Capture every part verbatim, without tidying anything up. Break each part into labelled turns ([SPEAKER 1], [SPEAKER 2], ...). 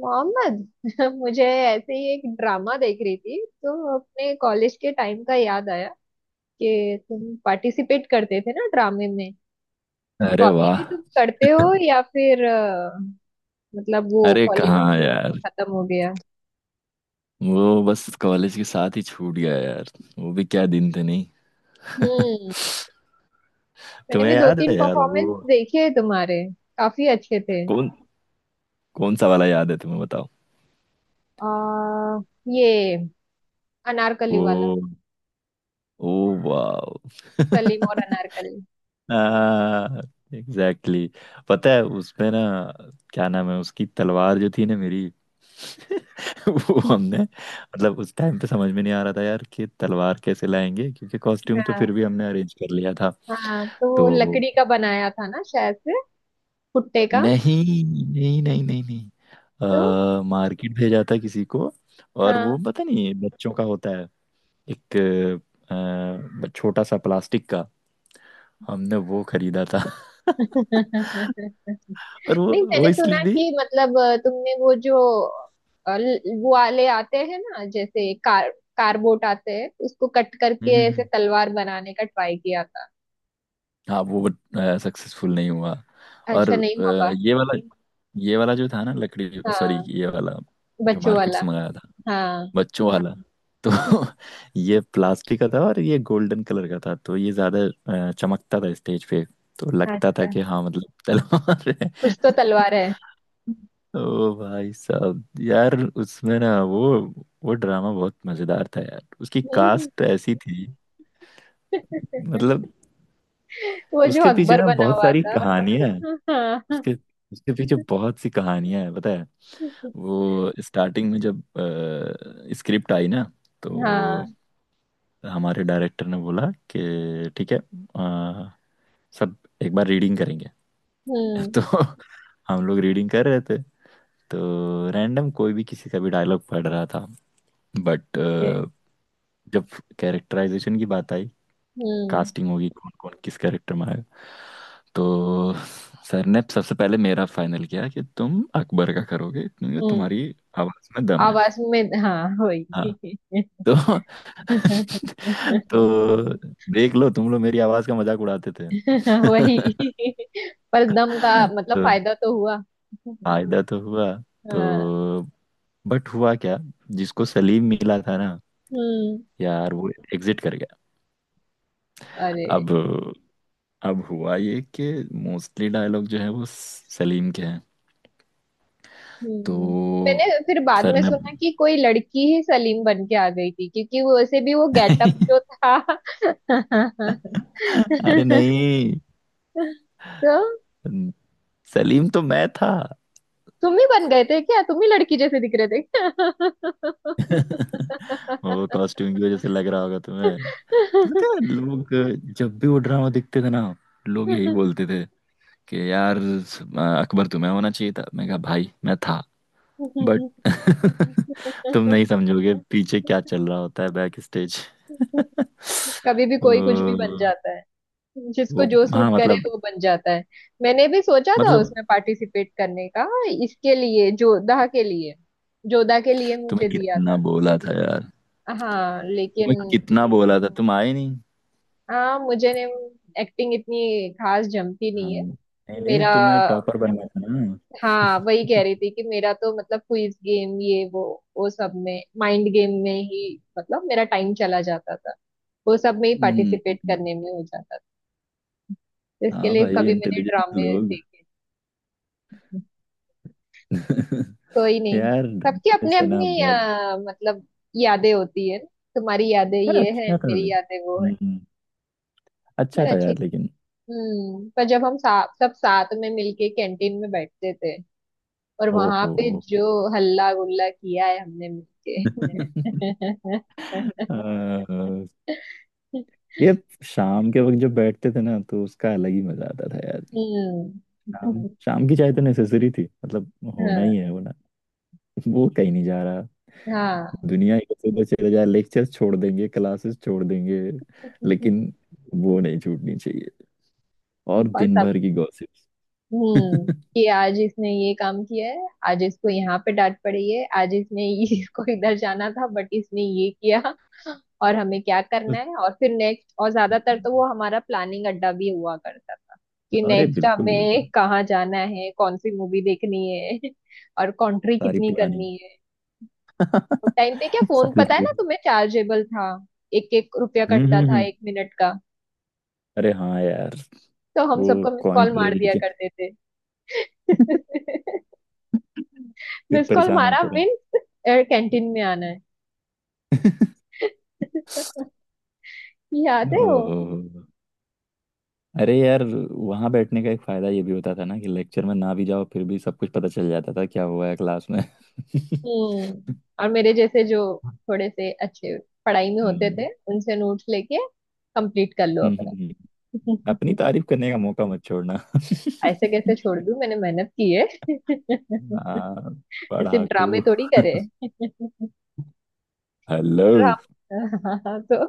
[SPEAKER 1] मोहम्मद। मुझे ऐसे ही एक ड्रामा देख रही थी तो अपने कॉलेज के टाइम का याद आया कि तुम पार्टिसिपेट करते थे ना ड्रामे में। तो
[SPEAKER 2] अरे
[SPEAKER 1] अभी
[SPEAKER 2] वाह।
[SPEAKER 1] भी तुम करते हो या फिर अ, मतलब वो
[SPEAKER 2] अरे
[SPEAKER 1] कॉलेज
[SPEAKER 2] कहाँ यार।
[SPEAKER 1] खत्म हो गया।
[SPEAKER 2] वो बस कॉलेज के साथ ही छूट गया यार। वो भी क्या दिन थे नहीं।
[SPEAKER 1] हम्म। मैंने
[SPEAKER 2] तुम्हें
[SPEAKER 1] भी दो
[SPEAKER 2] याद
[SPEAKER 1] तीन
[SPEAKER 2] है यार वो
[SPEAKER 1] परफॉर्मेंस देखे हैं तुम्हारे, काफी अच्छे थे।
[SPEAKER 2] कौन कौन सा वाला याद है तुम्हें बताओ।
[SPEAKER 1] आ, ये अनारकली
[SPEAKER 2] वो
[SPEAKER 1] वाला,
[SPEAKER 2] ओ वाह।
[SPEAKER 1] सलीम और अनारकली।
[SPEAKER 2] Exactly exactly. पता है उसमें ना क्या नाम है उसकी तलवार जो थी ना मेरी। वो हमने मतलब उस टाइम पे समझ में नहीं आ रहा था यार कि तलवार कैसे लाएंगे, क्योंकि कॉस्ट्यूम तो फिर
[SPEAKER 1] हाँ
[SPEAKER 2] भी हमने अरेंज कर लिया था।
[SPEAKER 1] हाँ, तो वो
[SPEAKER 2] तो
[SPEAKER 1] लकड़ी का बनाया था ना शायद से, भुट्टे का।
[SPEAKER 2] नहीं नहीं नहीं नहीं नहीं,
[SPEAKER 1] तो
[SPEAKER 2] अ, मार्केट भेजा था किसी को। और वो
[SPEAKER 1] हाँ,
[SPEAKER 2] पता नहीं बच्चों का होता है, एक अ, छोटा सा प्लास्टिक का, हमने वो खरीदा था। और वो
[SPEAKER 1] नहीं
[SPEAKER 2] वो
[SPEAKER 1] मैंने
[SPEAKER 2] इसलिए
[SPEAKER 1] सुना
[SPEAKER 2] भी
[SPEAKER 1] कि मतलब अ, तुमने वो जो अ, ल- वो वाले आते हैं ना जैसे कार, कारबोट आते हैं उसको कट करके
[SPEAKER 2] हम्म हम्म,
[SPEAKER 1] ऐसे
[SPEAKER 2] हम्म।
[SPEAKER 1] तलवार बनाने का ट्राई किया था।
[SPEAKER 2] हाँ वो सक्सेसफुल नहीं हुआ। और
[SPEAKER 1] अच्छा, नहीं
[SPEAKER 2] अ,
[SPEAKER 1] हुआ पा।
[SPEAKER 2] ये वाला, ये वाला जो था ना लकड़ी सॉरी
[SPEAKER 1] हाँ,
[SPEAKER 2] ये वाला जो
[SPEAKER 1] बच्चों
[SPEAKER 2] मार्केट
[SPEAKER 1] वाला।
[SPEAKER 2] से मंगाया था,
[SPEAKER 1] हाँ।
[SPEAKER 2] बच्चों वाला। तो ये प्लास्टिक का था और ये गोल्डन कलर का था तो ये ज्यादा अ, चमकता था स्टेज पे। तो लगता था
[SPEAKER 1] अच्छा,
[SPEAKER 2] कि हाँ मतलब तलवार है।
[SPEAKER 1] कुछ तो तलवार है।
[SPEAKER 2] ओ भाई साहब यार, उसमें ना वो वो ड्रामा बहुत मजेदार था यार, उसकी
[SPEAKER 1] हम्म।
[SPEAKER 2] कास्ट ऐसी थी मतलब।
[SPEAKER 1] वो जो
[SPEAKER 2] उसके पीछे
[SPEAKER 1] अकबर
[SPEAKER 2] ना
[SPEAKER 1] बना
[SPEAKER 2] बहुत
[SPEAKER 1] हुआ
[SPEAKER 2] सारी
[SPEAKER 1] था।
[SPEAKER 2] कहानियां हैं,
[SPEAKER 1] हाँ।
[SPEAKER 2] उसके उसके पीछे बहुत सी कहानियां हैं पता है। वो स्टार्टिंग में जब स्क्रिप्ट आई ना तो
[SPEAKER 1] हाँ।
[SPEAKER 2] हमारे डायरेक्टर ने बोला कि ठीक है, अ, सब एक बार रीडिंग करेंगे।
[SPEAKER 1] हम्म।
[SPEAKER 2] तो हम लोग रीडिंग कर रहे थे तो रैंडम कोई भी किसी का भी डायलॉग पढ़ रहा था, बट
[SPEAKER 1] ये,
[SPEAKER 2] जब कैरेक्टराइजेशन की बात आई,
[SPEAKER 1] हम्म।
[SPEAKER 2] कास्टिंग होगी कौन कौन किस कैरेक्टर में आएगा, तो सर ने सबसे पहले मेरा फाइनल किया कि तुम अकबर का करोगे क्योंकि
[SPEAKER 1] हम्म।
[SPEAKER 2] तुम्हारी आवाज में दम है।
[SPEAKER 1] आवाज में हाँ, वही।
[SPEAKER 2] हाँ, तो तो देख लो तुम लोग मेरी आवाज का मजाक उड़ाते थे।
[SPEAKER 1] वही, पर दम का मतलब
[SPEAKER 2] तो
[SPEAKER 1] फायदा तो हुआ।
[SPEAKER 2] फायदा तो हुआ। तो
[SPEAKER 1] हाँ।
[SPEAKER 2] बट हुआ क्या, जिसको सलीम मिला था ना
[SPEAKER 1] हम्म।
[SPEAKER 2] यार, वो एग्जिट कर गया।
[SPEAKER 1] अरे।
[SPEAKER 2] अब अब हुआ ये कि मोस्टली डायलॉग जो है वो सलीम के हैं। तो
[SPEAKER 1] हम्म। मैंने फिर बाद
[SPEAKER 2] सर
[SPEAKER 1] में
[SPEAKER 2] ने
[SPEAKER 1] सुना कि कोई लड़की ही सलीम बन के आ गई थी क्योंकि वो वैसे भी वो गेटअप जो था।
[SPEAKER 2] अरे नहीं,
[SPEAKER 1] तो
[SPEAKER 2] सलीम तो मैं था।
[SPEAKER 1] तुम ही बन गए थे क्या, तुम ही लड़की जैसे दिख रहे थे?
[SPEAKER 2] वो कॉस्ट्यूम की वजह से लग रहा होगा तुम्हें। तो पता है लोग जब भी वो ड्रामा देखते थे ना, लोग यही बोलते थे कि यार अकबर तुम्हें होना चाहिए था, मैं कहा भाई मैं था बट तुम नहीं समझोगे पीछे क्या चल रहा होता है बैक स्टेज।
[SPEAKER 1] क्या? कभी भी कोई कुछ भी बन
[SPEAKER 2] वो
[SPEAKER 1] जाता है। जिसको जो
[SPEAKER 2] हाँ
[SPEAKER 1] सूट करे
[SPEAKER 2] मतलब,
[SPEAKER 1] वो बन जाता है। मैंने भी सोचा था
[SPEAKER 2] मतलब
[SPEAKER 1] उसमें पार्टिसिपेट करने का, इसके लिए, जोधा के लिए। जोधा के लिए मुझे
[SPEAKER 2] तुम्हें
[SPEAKER 1] दिया
[SPEAKER 2] कितना
[SPEAKER 1] था।
[SPEAKER 2] बोला था यार,
[SPEAKER 1] हाँ लेकिन।
[SPEAKER 2] तुम्हें कितना बोला था तुम आए नहीं।
[SPEAKER 1] हाँ मुझे ने एक्टिंग इतनी खास जमती
[SPEAKER 2] हाँ
[SPEAKER 1] नहीं है।
[SPEAKER 2] नहीं नहीं,
[SPEAKER 1] मेरा,
[SPEAKER 2] तुम्हें टॉपर बनना था ना।
[SPEAKER 1] हाँ वही कह रही थी कि मेरा तो मतलब क्विज गेम ये वो वो सब में माइंड गेम में ही मतलब मेरा टाइम चला जाता था। वो सब में ही पार्टिसिपेट
[SPEAKER 2] हम्म,
[SPEAKER 1] करने में हो जाता था, इसके
[SPEAKER 2] हाँ
[SPEAKER 1] लिए
[SPEAKER 2] भाई
[SPEAKER 1] कभी मैंने
[SPEAKER 2] इंटेलिजेंट
[SPEAKER 1] ड्रामे
[SPEAKER 2] लोग।
[SPEAKER 1] देखे। कोई नहीं।
[SPEAKER 2] यार
[SPEAKER 1] सबकी
[SPEAKER 2] ड्रामे
[SPEAKER 1] अपनी
[SPEAKER 2] से ना
[SPEAKER 1] अपनी
[SPEAKER 2] बहुत,
[SPEAKER 1] अ, मतलब यादें होती है। तुम्हारी यादें
[SPEAKER 2] यार
[SPEAKER 1] ये है,
[SPEAKER 2] अच्छा था ले
[SPEAKER 1] मेरी यादें वो है।
[SPEAKER 2] हम्म, अच्छा
[SPEAKER 1] पर
[SPEAKER 2] था
[SPEAKER 1] अच्छी
[SPEAKER 2] यार लेकिन।
[SPEAKER 1] हम्म, पर जब हम सा, सब साथ में मिलके कैंटीन में बैठते थे और वहां
[SPEAKER 2] ओहो
[SPEAKER 1] पे जो हल्ला गुल्ला किया है हमने मिलके।
[SPEAKER 2] अह, ये शाम के वक्त जब बैठते थे ना तो उसका अलग ही मजा आता था यार।
[SPEAKER 1] हम्म।
[SPEAKER 2] शाम शाम की चाय तो नेसेसरी थी, मतलब होना
[SPEAKER 1] हाँ।
[SPEAKER 2] ही है होना। वो कहीं नहीं जा रहा,
[SPEAKER 1] हाँ
[SPEAKER 2] दुनिया इधर से उधर चले जा, लेक्चर छोड़ देंगे क्लासेस छोड़ देंगे लेकिन वो नहीं छूटनी चाहिए, और
[SPEAKER 1] और
[SPEAKER 2] दिन
[SPEAKER 1] सब।
[SPEAKER 2] भर की गॉसिप।
[SPEAKER 1] हम्म, कि आज इसने ये काम किया है, आज इसको यहाँ पे डांट पड़ी है, आज इसने ये- इसको इधर जाना था बट इसने ये किया। और हमें क्या करना है, और फिर नेक्स्ट। और ज्यादातर तो वो हमारा प्लानिंग अड्डा भी हुआ करता था कि
[SPEAKER 2] अरे
[SPEAKER 1] नेक्स्ट
[SPEAKER 2] बिल्कुल
[SPEAKER 1] हमें
[SPEAKER 2] बिल्कुल।
[SPEAKER 1] कहाँ जाना है, कौन सी मूवी देखनी है और कंट्री
[SPEAKER 2] सारी
[SPEAKER 1] कितनी
[SPEAKER 2] पुरानी
[SPEAKER 1] करनी है। तो टाइम पे क्या फोन
[SPEAKER 2] सारी
[SPEAKER 1] पता है
[SPEAKER 2] पूरी।
[SPEAKER 1] ना तुम्हें चार्जेबल था, एक एक रुपया
[SPEAKER 2] हम्म
[SPEAKER 1] कटता
[SPEAKER 2] हम्म
[SPEAKER 1] था
[SPEAKER 2] हम्म,
[SPEAKER 1] एक मिनट का।
[SPEAKER 2] अरे हाँ यार।
[SPEAKER 1] तो हम
[SPEAKER 2] वो
[SPEAKER 1] सबको मिस
[SPEAKER 2] कॉइन
[SPEAKER 1] कॉल
[SPEAKER 2] ले
[SPEAKER 1] मार दिया
[SPEAKER 2] लेके
[SPEAKER 1] करते थे।
[SPEAKER 2] फिर
[SPEAKER 1] मिस कॉल
[SPEAKER 2] परेशान
[SPEAKER 1] मारा
[SPEAKER 2] होते रहे।
[SPEAKER 1] मीन्स कैंटीन में आना है। याद है वो?
[SPEAKER 2] ओहो, अरे यार वहां बैठने का एक फायदा ये भी होता था ना कि लेक्चर में ना भी जाओ फिर भी सब कुछ पता चल जाता था क्या हुआ है क्लास में।
[SPEAKER 1] हम्म। और मेरे जैसे जो थोड़े से अच्छे पढ़ाई में होते
[SPEAKER 2] हम्म
[SPEAKER 1] थे उनसे नोट्स लेके कंप्लीट कर लो
[SPEAKER 2] हम्म,
[SPEAKER 1] अपना।
[SPEAKER 2] हम्म। अपनी तारीफ करने का मौका मत छोड़ना।
[SPEAKER 1] ऐसे कैसे छोड़ दूं, मैंने मेहनत की है।
[SPEAKER 2] हाँ
[SPEAKER 1] सिर्फ
[SPEAKER 2] पढ़ाकू।
[SPEAKER 1] ड्रामे थोड़ी करे।
[SPEAKER 2] हेलो,
[SPEAKER 1] ड्रामा तो,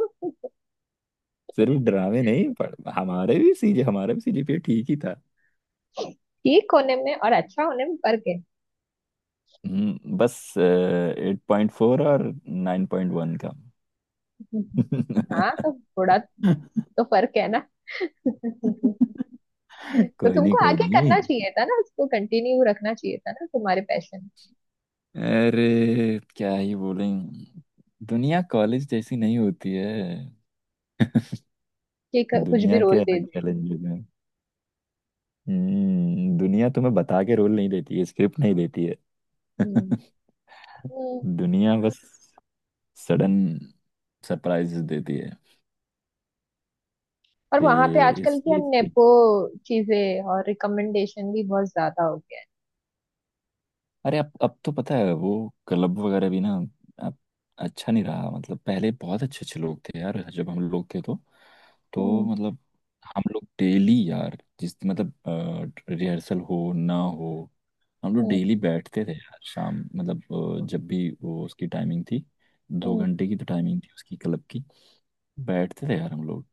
[SPEAKER 2] सिर्फ ड्रामे नहीं पढ़, हमारे भी सीजे हमारे भी सीजीपीए ठीक ही था।
[SPEAKER 1] ठीक होने में और अच्छा होने में फर्क है।
[SPEAKER 2] हम्म, बस एट पॉइंट फोर और नाइन पॉइंट वन का।
[SPEAKER 1] हाँ तो थोड़ा तो फर्क है ना। तो
[SPEAKER 2] कोई नहीं
[SPEAKER 1] तुमको
[SPEAKER 2] कोई
[SPEAKER 1] आगे
[SPEAKER 2] नहीं,
[SPEAKER 1] करना चाहिए था ना, उसको कंटिन्यू रखना चाहिए था ना, तुम्हारे पैशन।
[SPEAKER 2] अरे क्या ही बोलें, दुनिया कॉलेज जैसी नहीं होती है।
[SPEAKER 1] कि क- कुछ भी
[SPEAKER 2] दुनिया के
[SPEAKER 1] रोल दे
[SPEAKER 2] अलग
[SPEAKER 1] दे।
[SPEAKER 2] चैलेंजेस हैं। हम्म, दुनिया तुम्हें बता के रोल नहीं देती है, स्क्रिप्ट नहीं देती है।
[SPEAKER 1] हम्म। हम्म।
[SPEAKER 2] दुनिया बस सडन सरप्राइजेस देती है
[SPEAKER 1] और
[SPEAKER 2] कि
[SPEAKER 1] वहां पे
[SPEAKER 2] ये
[SPEAKER 1] आजकल
[SPEAKER 2] इस।
[SPEAKER 1] क्या नेपो चीजें और रिकमेंडेशन भी बहुत ज्यादा हो गया है।
[SPEAKER 2] अरे अब अब तो पता है वो क्लब वगैरह भी ना, अब अच्छा नहीं रहा। मतलब पहले बहुत अच्छे अच्छे लोग थे यार, जब हम लोग थे तो तो
[SPEAKER 1] हम्म।
[SPEAKER 2] मतलब हम लोग डेली यार, जिस मतलब रिहर्सल हो ना हो हम लोग
[SPEAKER 1] हम्म।
[SPEAKER 2] डेली बैठते थे यार शाम, मतलब अ, जब भी वो उसकी टाइमिंग थी, दो
[SPEAKER 1] हम्म।
[SPEAKER 2] घंटे की तो टाइमिंग थी उसकी क्लब की, बैठते थे यार हम लोग।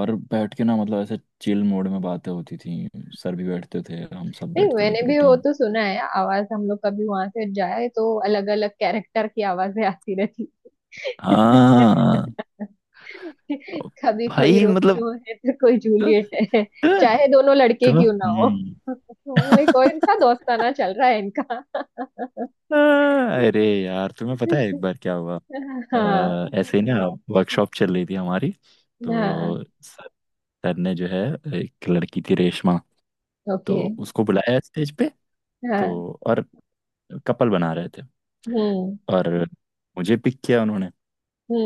[SPEAKER 2] और बैठ के ना मतलब ऐसे चिल मोड में बातें होती थी। सर भी बैठते थे, हम सब
[SPEAKER 1] नहीं,
[SPEAKER 2] बैठते थे,
[SPEAKER 1] मैंने
[SPEAKER 2] पूरी
[SPEAKER 1] भी वो
[SPEAKER 2] टीम।
[SPEAKER 1] तो सुना है, आवाज हम लोग कभी वहां से जाए तो अलग अलग कैरेक्टर की आवाजें आती रहती।
[SPEAKER 2] हाँ ओ,
[SPEAKER 1] कभी कोई
[SPEAKER 2] भाई मतलब
[SPEAKER 1] रोमियो है तो कोई
[SPEAKER 2] तु-
[SPEAKER 1] जूलियट है,
[SPEAKER 2] तु-
[SPEAKER 1] चाहे दोनों लड़के
[SPEAKER 2] तुम्हें
[SPEAKER 1] क्यों ना हो।
[SPEAKER 2] हम्म।
[SPEAKER 1] बोले कोई, इनका दोस्ताना चल रहा है इनका।
[SPEAKER 2] अरे यार तुम्हें पता है एक बार क्या हुआ,
[SPEAKER 1] हाँ।
[SPEAKER 2] अ, ऐसे ही ना, वर्कशॉप चल रही थी हमारी।
[SPEAKER 1] हाँ।
[SPEAKER 2] तो सर सर ने जो है, एक लड़की थी रेशमा, तो
[SPEAKER 1] ओके।
[SPEAKER 2] उसको बुलाया स्टेज पे, तो
[SPEAKER 1] हाँ।
[SPEAKER 2] और कपल बना रहे थे
[SPEAKER 1] हम्म।
[SPEAKER 2] और मुझे पिक किया उन्होंने।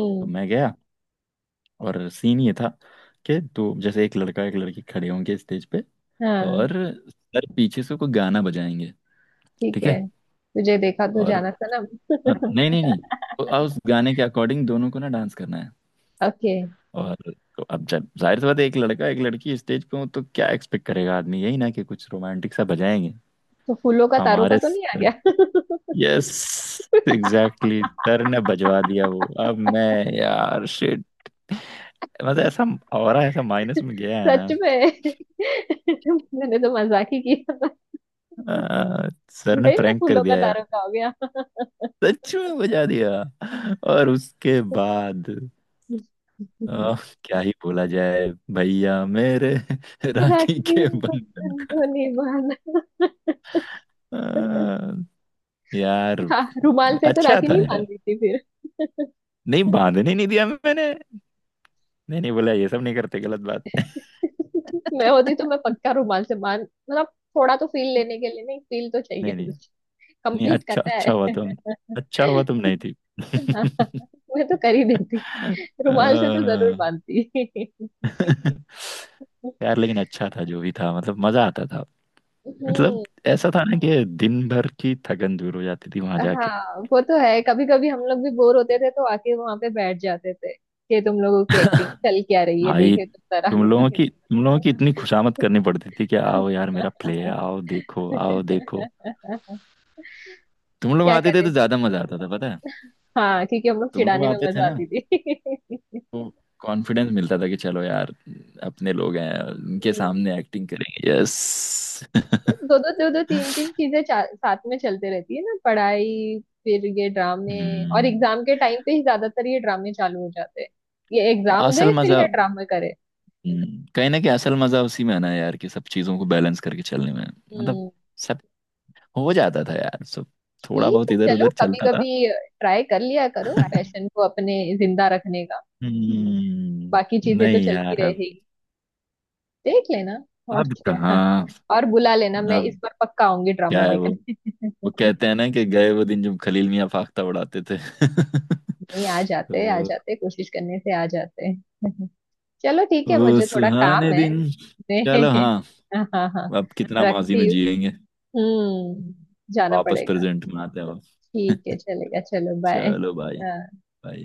[SPEAKER 2] तो मैं गया और सीन ये था कि दो जैसे एक लड़का एक लड़की खड़े होंगे स्टेज पे,
[SPEAKER 1] हाँ।
[SPEAKER 2] और सर पीछे से कोई गाना बजाएंगे।
[SPEAKER 1] ठीक
[SPEAKER 2] ठीक
[SPEAKER 1] है,
[SPEAKER 2] है
[SPEAKER 1] तुझे देखा तो
[SPEAKER 2] और
[SPEAKER 1] जाना सनम।
[SPEAKER 2] अ, नहीं नहीं नहीं, तो आ, उस गाने के अकॉर्डिंग दोनों को ना डांस करना है।
[SPEAKER 1] ओके।
[SPEAKER 2] और तो अब जब जाहिर सी बात है एक लड़का एक लड़की स्टेज पे हो तो क्या एक्सपेक्ट करेगा आदमी, यही ना कि कुछ रोमांटिक सा बजाएंगे।
[SPEAKER 1] तो फूलों का तारों का
[SPEAKER 2] हमारे
[SPEAKER 1] तो नहीं आ
[SPEAKER 2] सर,
[SPEAKER 1] गया?
[SPEAKER 2] यस एग्जैक्टली, सर ने बजवा दिया वो। अब मैं, यार शिट, मतलब ऐसा ऑरा ऐसा माइनस में गया है
[SPEAKER 1] सच
[SPEAKER 2] ना।
[SPEAKER 1] में, मैंने तो मजाक ही किया।
[SPEAKER 2] अ, सर ने
[SPEAKER 1] भाई मैं
[SPEAKER 2] प्रैंक कर
[SPEAKER 1] फूलों का
[SPEAKER 2] दिया
[SPEAKER 1] तारों
[SPEAKER 2] यार,
[SPEAKER 1] का हो गया।
[SPEAKER 2] सच में बजा दिया। और उसके बाद आ, क्या ही बोला जाए, भैया मेरे राखी
[SPEAKER 1] राखी,
[SPEAKER 2] के बंधन,
[SPEAKER 1] बंधन तो निभाना।
[SPEAKER 2] आ, यार।
[SPEAKER 1] हाँ, रुमाल से तो
[SPEAKER 2] अच्छा
[SPEAKER 1] राखी
[SPEAKER 2] था
[SPEAKER 1] नहीं
[SPEAKER 2] यार,
[SPEAKER 1] बांधती थी फिर।
[SPEAKER 2] नहीं बांधने नहीं दिया मैंने, नहीं नहीं बोला ये सब नहीं करते गलत बात।
[SPEAKER 1] मैं होती तो मैं पक्का रुमाल से बांध मतलब, थोड़ा तो फील लेने के लिए, नहीं फील तो चाहिए,
[SPEAKER 2] नहीं नहीं, नहीं
[SPEAKER 1] कंप्लीट
[SPEAKER 2] अच्छा,
[SPEAKER 1] करना है।
[SPEAKER 2] अच्छा हुआ तुम, अच्छा हुआ तुम नहीं थी।
[SPEAKER 1] हाँ, मैं तो कर ही देती, रुमाल से तो
[SPEAKER 2] आ,
[SPEAKER 1] जरूर बांधती।
[SPEAKER 2] यार लेकिन अच्छा था जो भी था, मतलब मजा आता था मतलब।
[SPEAKER 1] हम्म।
[SPEAKER 2] ऐसा था ना कि दिन भर की थकन दूर हो जाती थी वहां जाके।
[SPEAKER 1] हाँ वो तो है, कभी कभी हम लोग भी बोर होते थे तो आके वहां पे बैठ जाते थे कि तुम लोगों की एक्टिंग चल क्या रही है,
[SPEAKER 2] भाई,
[SPEAKER 1] देखे तो जरा।
[SPEAKER 2] तुम ये लोगों है की तुम लोगों की हाँ। इतनी खुशामद करनी पड़ती थी कि आओ यार मेरा प्ले है, आओ देखो आओ देखो। तुम लोग
[SPEAKER 1] क्या
[SPEAKER 2] आते थे
[SPEAKER 1] करे,
[SPEAKER 2] तो ज्यादा मजा आता था पता है।
[SPEAKER 1] हाँ क्योंकि हम लोग
[SPEAKER 2] तुम लोग
[SPEAKER 1] चिढ़ाने में
[SPEAKER 2] आते थे
[SPEAKER 1] मजा
[SPEAKER 2] ना
[SPEAKER 1] आती थी।
[SPEAKER 2] तो कॉन्फिडेंस मिलता था कि चलो यार, अपने लोग हैं उनके
[SPEAKER 1] हम्म,
[SPEAKER 2] सामने एक्टिंग करेंगे, यस।
[SPEAKER 1] दो दो दो दो तीन तीन चीजें चा- साथ में चलते रहती है ना, पढ़ाई फिर ये ड्रामे। और
[SPEAKER 2] हम्म,
[SPEAKER 1] एग्जाम के टाइम पे ही ज्यादातर ये ड्रामे चालू हो जाते हैं, ये एग्जाम
[SPEAKER 2] असल
[SPEAKER 1] दे
[SPEAKER 2] ये
[SPEAKER 1] फिर
[SPEAKER 2] मजा है।
[SPEAKER 1] ये ड्रामे करे।
[SPEAKER 2] हम्म, कहीं ना कहीं असल मजा उसी में है ना यार, कि सब चीजों को बैलेंस करके चलने में, मतलब
[SPEAKER 1] हम्म।
[SPEAKER 2] सब हो जाता था यार, सब थोड़ा
[SPEAKER 1] ठीक
[SPEAKER 2] बहुत
[SPEAKER 1] है,
[SPEAKER 2] इधर
[SPEAKER 1] चलो
[SPEAKER 2] उधर
[SPEAKER 1] कभी
[SPEAKER 2] चलता था।
[SPEAKER 1] कभी ट्राई कर लिया करो
[SPEAKER 2] बात
[SPEAKER 1] पैशन को अपने जिंदा रखने का।
[SPEAKER 2] हम्म,
[SPEAKER 1] बाकी चीजें तो
[SPEAKER 2] नहीं
[SPEAKER 1] चलती
[SPEAKER 2] यार,
[SPEAKER 1] रहेगी, देख लेना। और
[SPEAKER 2] अब
[SPEAKER 1] क्या,
[SPEAKER 2] कहाँ,
[SPEAKER 1] और बुला लेना, मैं इस
[SPEAKER 2] अब
[SPEAKER 1] बार पक्का आऊंगी
[SPEAKER 2] क्या
[SPEAKER 1] ड्रामा
[SPEAKER 2] है वो वो
[SPEAKER 1] देखने।
[SPEAKER 2] कहते हैं ना कि गए वो दिन जब खलील मियाँ फाख्ता उड़ाते थे।
[SPEAKER 1] नहीं आ जाते, आ
[SPEAKER 2] तो
[SPEAKER 1] जाते, कोशिश करने से आ जाते। चलो ठीक है,
[SPEAKER 2] वो
[SPEAKER 1] मुझे थोड़ा
[SPEAKER 2] सुहाने
[SPEAKER 1] काम है
[SPEAKER 2] दिन,
[SPEAKER 1] में।
[SPEAKER 2] चलो हाँ,
[SPEAKER 1] हाँ हाँ हाँ,
[SPEAKER 2] अब कितना माजी
[SPEAKER 1] रखती
[SPEAKER 2] में
[SPEAKER 1] हूँ।
[SPEAKER 2] जिएंगे,
[SPEAKER 1] हम्म, जाना
[SPEAKER 2] वापस
[SPEAKER 1] पड़ेगा।
[SPEAKER 2] प्रेजेंट में आते हैं अब।
[SPEAKER 1] ठीक है, चलेगा, चलो बाय।
[SPEAKER 2] चलो भाई,
[SPEAKER 1] हाँ।
[SPEAKER 2] भाई